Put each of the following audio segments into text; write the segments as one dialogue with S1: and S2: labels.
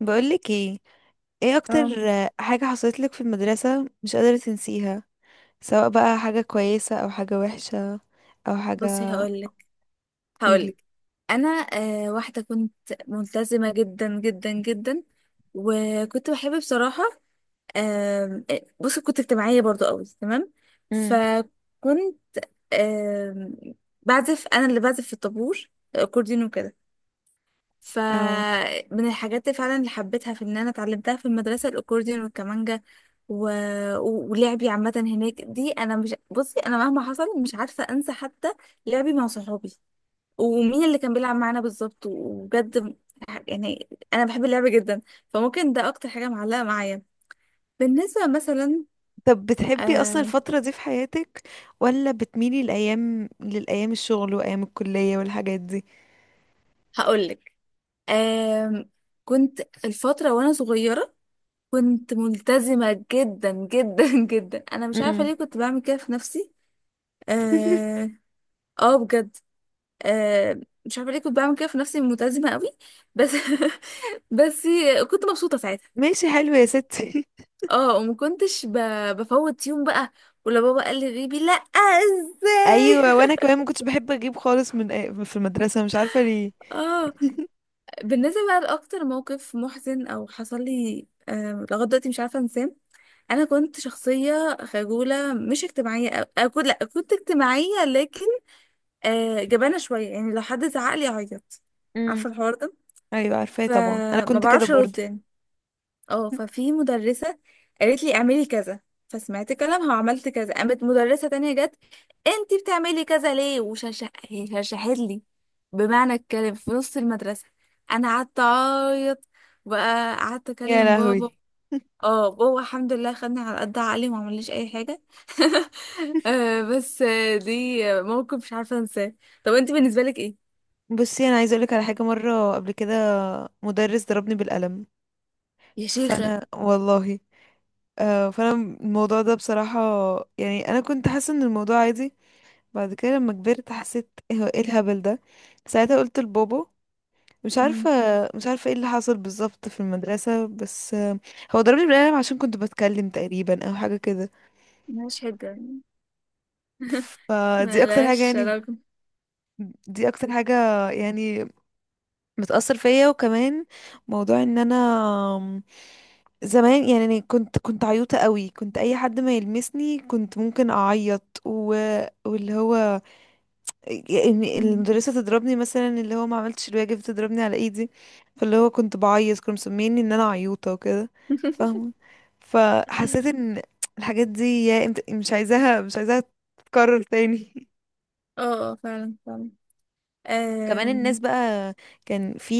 S1: بقولك ايه، ايه اكتر
S2: اه.
S1: حاجة حصلت لك في المدرسة مش قادرة تنسيها؟ سواء بقى حاجة كويسة او حاجة وحشة او
S2: بصي،
S1: حاجة.
S2: هقولك
S1: قولي.
S2: هقولك انا واحده كنت ملتزمه جدا جدا جدا، وكنت بحب بصراحه. آم، آه بصي، كنت اجتماعيه برضو قوي، تمام.
S1: امم.
S2: فكنت، آم، انا اللي بعزف في الطابور الاكورديون وكده.
S1: اه.
S2: فمن الحاجات اللي فعلا اللي حبيتها في ان انا اتعلمتها في المدرسه، الاكورديون والكمانجا. و... ولعبي عامه هناك، دي انا مش، بصي انا مهما حصل مش عارفه انسى حتى لعبي مع صحابي، ومين اللي كان بيلعب معانا بالظبط. وبجد يعني انا بحب اللعبه جدا، فممكن ده اكتر حاجه معلقه معايا بالنسبه، مثلا.
S1: طب بتحبي اصلا
S2: أه.
S1: الفترة دي في حياتك؟ ولا بتميلي الايام للايام الشغل وايام الكلية والحاجات دي؟
S2: هقولك. أه، كنت الفتره وانا صغيره كنت ملتزمه جدا جدا جدا، انا مش عارفه
S1: امم.
S2: ليه كنت بعمل كده في نفسي. اه. آه بجد. أه، مش عارفه ليه كنت بعمل كده في نفسي، ملتزمه قوي، بس بس كنت مبسوطه ساعتها.
S1: ماشي حلو يا ستي.
S2: اه، وما كنتش بفوت يوم بقى، ولا بابا قال لي غيبي، لا، ازاي؟
S1: ايوه وانا كمان ما كنتش بحب اجيب خالص من في المدرسه، مش عارفه ليه.
S2: اه. بالنسبه بقى لاكتر موقف محزن او حصل لي، لغايه دلوقتي مش عارفه انساه: انا كنت شخصيه خجوله مش اجتماعيه، أو... أكون لا، كنت اجتماعيه لكن جبانه شويه، يعني لو حد زعق لي اعيط.
S1: امم.
S2: عارفه الحوار ده؟
S1: ايوه عارفاه طبعا، انا
S2: فما
S1: كنت كده
S2: بعرفش
S1: برضه.
S2: ارد يعني. اه ففي مدرسة قالت لي اعملي كذا، فسمعت كلامها وعملت كذا، قامت مدرسة تانية جت: انتي بتعملي كذا ليه؟ وشرشحت لي، بمعنى الكلام، في نص المدرسة. انا قعدت اعيط، بقى قعدت
S1: يا
S2: اكلم بابا.
S1: لهوي.
S2: اه، بابا الحمد لله خدني على قد عقلي وما عمليش اي حاجة. بس دي موقف مش عارفة انساه. طب انتي بالنسبة لك ايه؟
S1: بصي انا عايزه اقولك على حاجه مره قبل كده، مدرس ضربني بالقلم.
S2: يا شيخة.
S1: فانا والله آه فانا الموضوع ده بصراحه، يعني انا كنت حاسه ان الموضوع عادي، بعد كده لما كبرت حسيت إيه الهبل ده. ساعتها قلت لبابا مش
S2: مم.
S1: عارفة، مش عارفة ايه اللي حصل بالظبط في المدرسة، بس هو ضربني بالقلم عشان كنت بتكلم تقريبا او حاجة كده.
S2: ملهاش حجة.
S1: فدي اكتر حاجة
S2: ملهاش
S1: يعني،
S2: علاقة.
S1: دي اكتر حاجة يعني بتأثر فيا. وكمان موضوع ان انا آم، زمان يعني أنا كنت عيوطة قوي، كنت اي حد ما يلمسني كنت ممكن اعيط واللي هو يعني
S2: مم.
S1: المدرسة تضربني، مثلا اللي هو ما عملتش الواجب تضربني على ايدي، فاللي هو كنت بعيط، كانوا مسميني ان انا عيوطة وكده، فاهمة. فحسيت ان الحاجات دي يا انت مش عايزاها تتكرر تاني.
S2: اه اه، فعلا فعلا.
S1: كمان الناس
S2: أم...
S1: بقى، كان في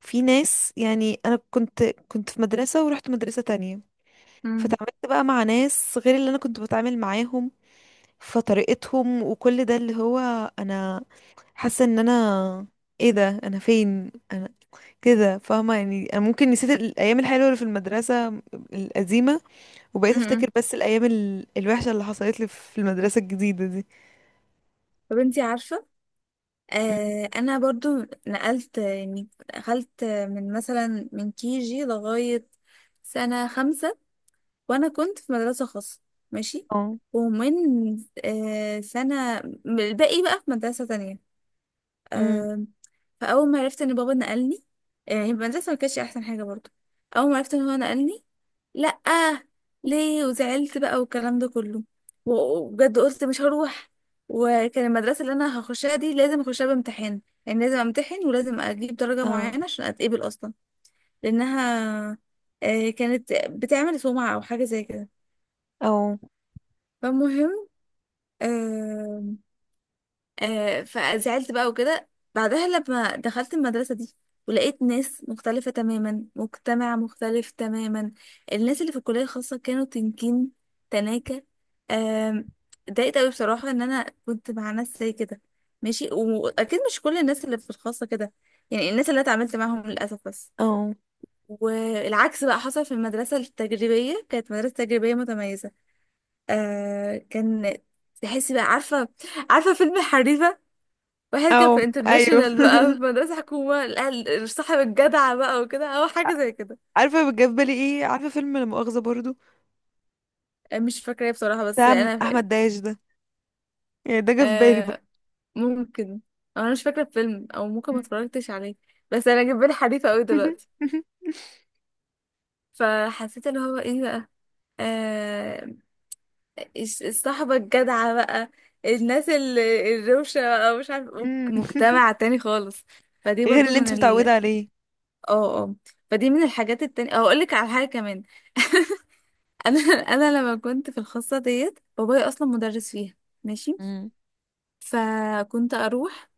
S1: في ناس، يعني انا كنت، كنت في مدرسة ورحت مدرسة تانية،
S2: أم...
S1: فتعاملت بقى مع ناس غير اللي انا كنت بتعامل معاهم، فطريقتهم وكل ده اللي هو، انا حاسه ان انا ايه ده، انا فين انا كده، فاهمه؟ يعني انا ممكن نسيت الايام الحلوه اللي في المدرسه القديمه، وبقيت
S2: أم.
S1: افتكر بس الايام الوحشه اللي حصلت لي في المدرسه الجديده دي.
S2: طب انتي عارفة،
S1: أم.
S2: انا برضو نقلت يعني. دخلت من مثلا من كي جي لغاية سنة خمسة وانا كنت في مدرسة خاصة، ماشي.
S1: اه.
S2: ومن سنة، الباقي بقى في مدرسة
S1: أم.
S2: تانية. فاول ما عرفت ان بابا نقلني، يعني المدرسه ما كانتش احسن حاجه برضو. اول ما عرفت ان هو نقلني: لا، ليه؟ وزعلت بقى والكلام ده كله. وبجد قلت مش هروح. وكان المدرسه اللي انا هخشها دي لازم اخشها بامتحان، يعني لازم امتحن ولازم اجيب درجه
S1: اه.
S2: معينه عشان اتقبل اصلا، لانها كانت بتعمل سمعه او حاجه زي كده.
S1: او.
S2: فالمهم، آه، فزعلت بقى وكده. بعدها لما دخلت المدرسة دي ولقيت ناس مختلفة تماما، مجتمع مختلف تماما، الناس اللي في الكلية الخاصة كانوا تنكين، تناكة. آم، اتضايقت قوي بصراحة ان انا كنت مع ناس زي كده، ماشي. واكيد مش كل الناس اللي في الخاصة كده، يعني الناس اللي أنا اتعاملت معاهم للأسف بس.
S1: او.
S2: والعكس بقى حصل في المدرسة التجريبية، كانت مدرسة تجريبية متميزة. كان، تحسي بقى، عارفة. عارفة فيلم حريفة؟ واحد
S1: او
S2: كان في
S1: ايوه.
S2: انترناشونال بقى، في مدرسة حكومة، صاحب الجدع بقى وكده، أو حاجة زي كده.
S1: عارفه جاب بالي ايه؟ عارفه فيلم لا مؤاخذه برضو؟
S2: مش فاكرة إيه بصراحة، بس
S1: بتاع
S2: أنا فاكرة.
S1: احمد داش ده، يعني ده جه في بالي برضو.
S2: آه ممكن. أو أنا مش فاكرة الفيلم، أو ممكن ما اتفرجتش عليه، بس أنا جايب بالي حريفة أوي دلوقتي. فحسيت اللي هو إيه بقى، آه الصحبة الجدعة بقى، الناس الروشة بقى، مش عارف،
S1: أم.
S2: مجتمع تاني خالص. فدي
S1: غير
S2: برضو
S1: اللي انت
S2: من ال
S1: متعوده عليه.
S2: اه اه فدي من الحاجات التانية. أو أقولك على حاجة كمان. انا انا لما كنت في الخاصه ديت، بابايا اصلا مدرس فيها، ماشي.
S1: مم.
S2: فكنت اروح،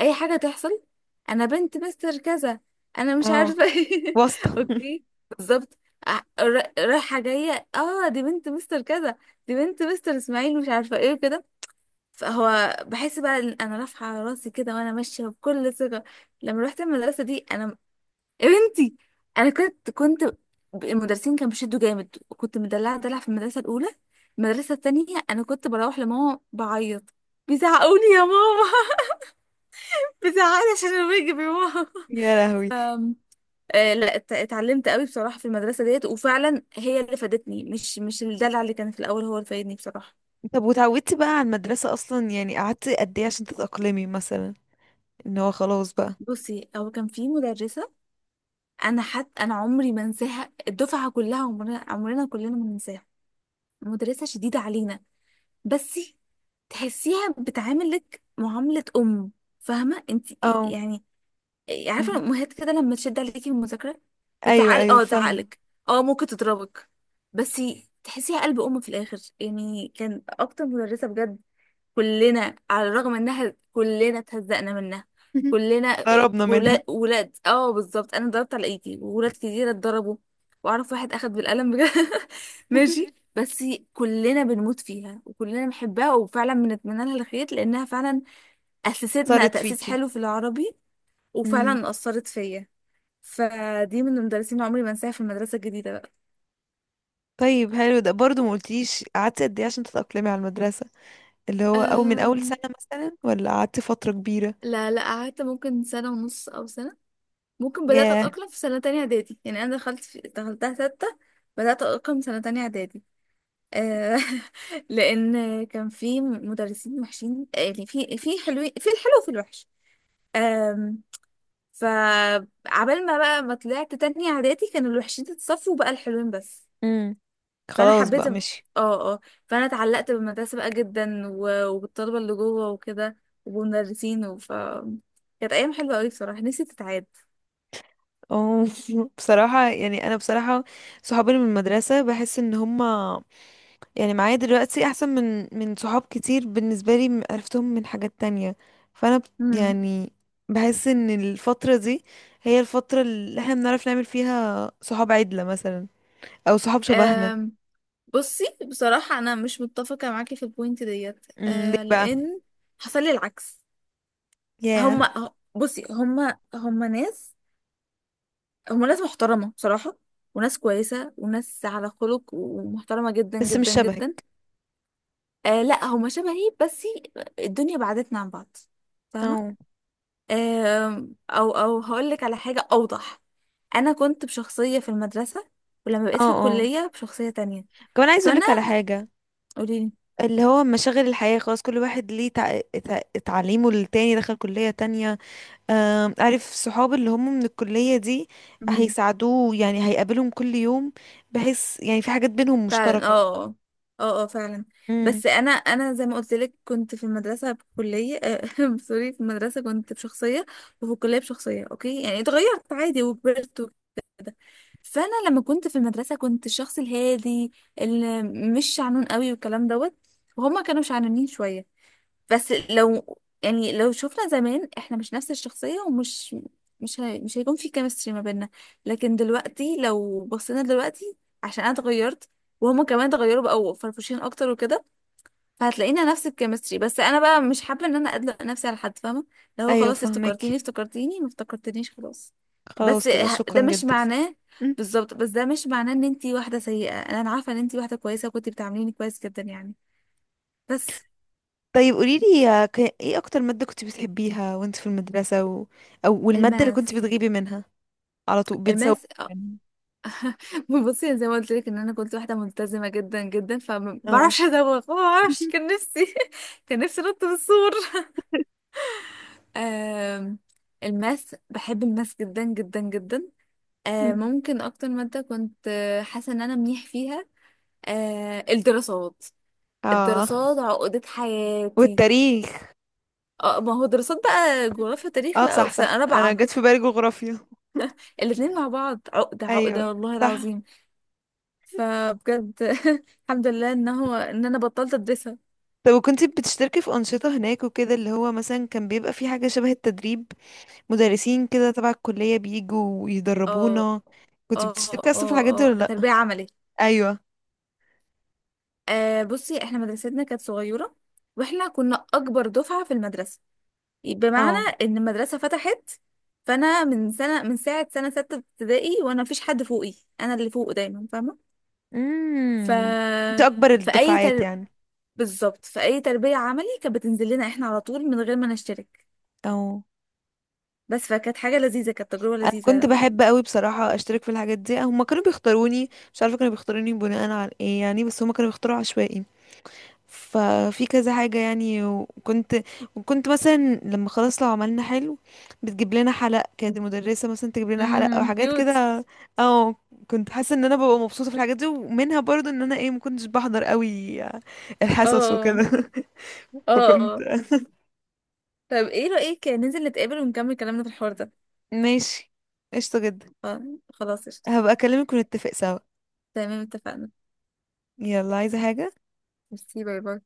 S2: اي حاجه تحصل: انا بنت مستر كذا، انا مش
S1: اه،
S2: عارفه ايه.
S1: واسطه.
S2: اوكي، بالظبط. رايحه جايه، اه، دي بنت مستر كذا، دي بنت مستر اسماعيل مش عارفه ايه كده. فهو بحس بقى ان انا رافعه راسي كده وانا ماشيه بكل ثقه. لما رحت المدرسه دي، انا يا بنتي، انا كنت المدرسين كانوا بيشدوا جامد، وكنت مدلعه دلع في المدرسه الاولى. المدرسه التانية انا كنت بروح لماما بعيط: بيزعقوني يا ماما. بيزعقني عشان انا واجب يا ماما.
S1: يا
S2: ف
S1: لهوي.
S2: آه، لا، اتعلمت قوي بصراحه في المدرسه ديت، وفعلا هي اللي فادتني، مش الدلع اللي كان في الاول هو اللي فادني بصراحه.
S1: طب وتعودتي بقى على المدرسة أصلا؟ يعني قعدتي قد إيه عشان تتأقلمي مثلا، إن هو خلاص بقى.
S2: بصي، هو كان في مدرسه، انا حتى انا عمري ما انساها، الدفعه كلها، عمرنا عمرنا كلنا ما ننساها. مدرسه شديده علينا، بس تحسيها بتعاملك معاملة أم، فاهمة انت؟
S1: اه.
S2: يعني عارفة
S1: آه.
S2: الأمهات كده لما تشد عليكي في المذاكرة
S1: أيوه
S2: وتعال
S1: أيوه،
S2: اه
S1: فاهمة.
S2: تعقلك، اه ممكن تضربك، بس تحسيها قلب أم في الآخر. يعني كان أكتر مدرسة بجد، كلنا على الرغم انها كلنا اتهزقنا منها، كلنا،
S1: قربنا منها.
S2: ولاد، اه بالظبط، انا ضربت على ايدي وولاد كتير اتضربوا، واعرف واحد اخد بالقلم بجد. ماشي. بس كلنا بنموت فيها وكلنا بنحبها، وفعلا بنتمنى لها الخير، لانها فعلا اسستنا
S1: اثرت
S2: تاسيس
S1: فيكي.
S2: حلو في العربي،
S1: امم.
S2: وفعلا اثرت فيا. فدي من المدرسين اللي عمري ما انساها في المدرسه الجديده بقى.
S1: طيب حلو، ده برضه ما قلتيش قعدتي قد ايه عشان تتأقلمي على المدرسة، اللي هو او من اول
S2: أم...
S1: سنة مثلا ولا قعدتي فترة كبيرة؟
S2: لا لا، قعدت ممكن سنه ونص او سنه. ممكن بدأت
S1: ياه.
S2: أتأقلم في سنة تانية إعدادي. يعني أنا دخلت دخلتها ستة. بدأت أتأقلم سنة تانية إعدادي. آه لأن كان في مدرسين وحشين، يعني في حلوين، في الحلو وفي الوحش. آم، فعبال ما بقى ما طلعت تانية إعدادي، كانوا الوحشين اتصفوا وبقى الحلوين بس.
S1: امم.
S2: فأنا
S1: خلاص
S2: حبيت.
S1: بقى
S2: اه
S1: مشي.
S2: اه. فأنا اتعلقت بالمدرسة بقى جدا، وبالطلبة اللي جوه وكده، وبالمدرسين. كانت أيام حلوة أوي بصراحة، نفسي تتعاد.
S1: أوه. بصراحة يعني انا بصراحة صحابي اللي من المدرسة، بحس ان هما يعني معايا دلوقتي احسن من صحاب كتير بالنسبه لي عرفتهم من حاجات تانية. فانا ب- يعني بحس ان الفتره دي هي الفتره اللي احنا بنعرف نعمل فيها صحاب عدله مثلا، او صحاب شبهنا.
S2: مم. بصي بصراحة أنا مش متفقة معاكي في البوينت ديت،
S1: امم، ليه بقى؟
S2: لأن حصل لي العكس.
S1: ياه.
S2: بصي هما ناس، هما ناس محترمة بصراحة، وناس كويسة وناس على خلق ومحترمة جدا
S1: بس مش
S2: جدا جدا.
S1: شبهك.
S2: لا، هما شبهي، بس الدنيا بعدتنا عن بعض،
S1: او.
S2: فاهمة؟ أو هقولك على حاجة أوضح: أنا كنت بشخصية في المدرسة، ولما بقيت
S1: اه
S2: في
S1: اه.
S2: الكلية بشخصية تانية.
S1: كمان عايز
S2: فأنا،
S1: اقولك على حاجه،
S2: قوليلي.
S1: اللي هو مشاغل الحياه خلاص، كل واحد ليه تعليمه، للتاني دخل كليه تانية. عارف صحاب اللي هم من الكلية دي هيساعدوه، يعني هيقابلهم كل يوم، بحيث يعني في حاجات بينهم
S2: فعلا
S1: مشتركة.
S2: اه اه. اه فعلا.
S1: امم.
S2: بس انا زي ما قلت لك كنت في المدرسه بكليه سوري، في المدرسه كنت بشخصيه وفي الكليه بشخصيه، اوكي؟ يعني اتغيرت عادي وكبرت وكده. فانا لما كنت في المدرسه كنت الشخص الهادي اللي مش شعنون قوي والكلام دوت، وهما كانوا شعنانين شويه. بس لو، يعني لو شفنا زمان احنا مش نفس الشخصية ومش مش هي... مش هيكون في كيمستري ما بيننا. لكن دلوقتي لو بصينا دلوقتي، عشان انا اتغيرت وهما كمان اتغيروا بقوا فرفوشين اكتر وكده، فهتلاقينا نفس الكيمستري. بس انا بقى مش حابة ان انا ادلق نفسي على حد، فاهمة؟ لو
S1: ايوه
S2: خلاص
S1: فهمك،
S2: افتكرتيني افتكرتيني، ما افتكرتنيش خلاص.
S1: خلاص
S2: بس
S1: كده
S2: ده
S1: شكرا
S2: مش
S1: جدا.
S2: معناه
S1: مم.
S2: بالظبط، بس ده مش معناه ان انتي واحدة سيئة. انا عارفة ان انتي واحدة كويسة وكنتي بتعامليني كويس جدا يعني، بس.
S1: طيب قوليلي يا ايه اكتر مادة كنت بتحبيها وانت في المدرسة؟ او والمادة اللي كنت
S2: الماس.
S1: بتغيبي منها على طول، بتزوقي
S2: الماس.
S1: منها.
S2: بصي زي ما قلت لك ان انا كنت واحده ملتزمه جدا جدا، فما
S1: اه.
S2: بعرفش ادوخ، ما بعرفش، كان نفسي كان نفسي انط من السور. آم، الماس، بحب الماس جدا جدا جدا.
S1: مم.
S2: ممكن اكتر ماده كنت حاسه ان انا منيح فيها، الدراسات.
S1: اه.
S2: الدراسات عقدة حياتي.
S1: والتاريخ.
S2: اه، ما هو دراسات بقى، جغرافيا تاريخ
S1: اه
S2: بقى
S1: صح
S2: في
S1: صح،
S2: سنه
S1: انا
S2: رابعه.
S1: جت في بالي جغرافيا.
S2: الاتنين مع بعض عقده عقده
S1: ايوه،
S2: والله
S1: صح.
S2: العظيم. فبجد الحمد لله ان هو ان انا بطلت ادرسها.
S1: طب وكنتي بتشتركي في أنشطة هناك وكده؟ اللي هو مثلا كان بيبقى في حاجة شبه التدريب، مدرسين كده تبع الكلية بيجوا
S2: اه.
S1: ويدربونا، كنت
S2: اه.
S1: بتشتركي أصلا في الحاجات دي
S2: اه اه
S1: ولا لأ؟
S2: تربية عملي.
S1: أيوه.
S2: بصي احنا مدرستنا كانت صغيرة، واحنا كنا اكبر دفعة في المدرسة. بمعنى
S1: اه.
S2: ان المدرسة فتحت، فانا من سنة، من ساعة سنة ستة ابتدائي وانا مفيش حد فوقي، انا اللي فوق دايما، فاهمة؟ ف
S1: امم. انت أكبر
S2: في اي
S1: الدفعات
S2: تر...
S1: يعني.
S2: بالظبط، في اي تربية عملي كانت بتنزل لنا احنا على طول من غير ما نشترك.
S1: اه.
S2: بس فكانت حاجة لذيذة، كانت تجربة
S1: أنا كنت
S2: لذيذة.
S1: بحب قوي بصراحة أشترك في الحاجات دي، هما كانوا بيختاروني، مش عارفة كانوا بيختاروني بناء على ايه يعني، بس هما كانوا بيختاروا عشوائي، ففي كذا حاجة يعني. وكنت، وكنت مثلا لما خلاص لو عملنا حلو بتجيب لنا حلق، كانت المدرسة مثلا تجيب لنا حلق او
S2: امم،
S1: حاجات
S2: كيوت.
S1: كده. اه. كنت حاسة ان انا ببقى مبسوطة في الحاجات دي، ومنها برضو ان انا ايه، ما كنتش بحضر قوي الحصص
S2: اه
S1: وكده.
S2: اه
S1: فكنت.
S2: اه. طب ايه رأيك ننزل نتقابل ونكمل كلامنا في الحوار ده؟
S1: ماشي، قشطة جدا.
S2: آه، خلاص قشطة.
S1: هبقى اكلمك ونتفق سوا.
S2: تمام اتفقنا.
S1: يلا، عايزة حاجة؟
S2: ميرسي، باي باي.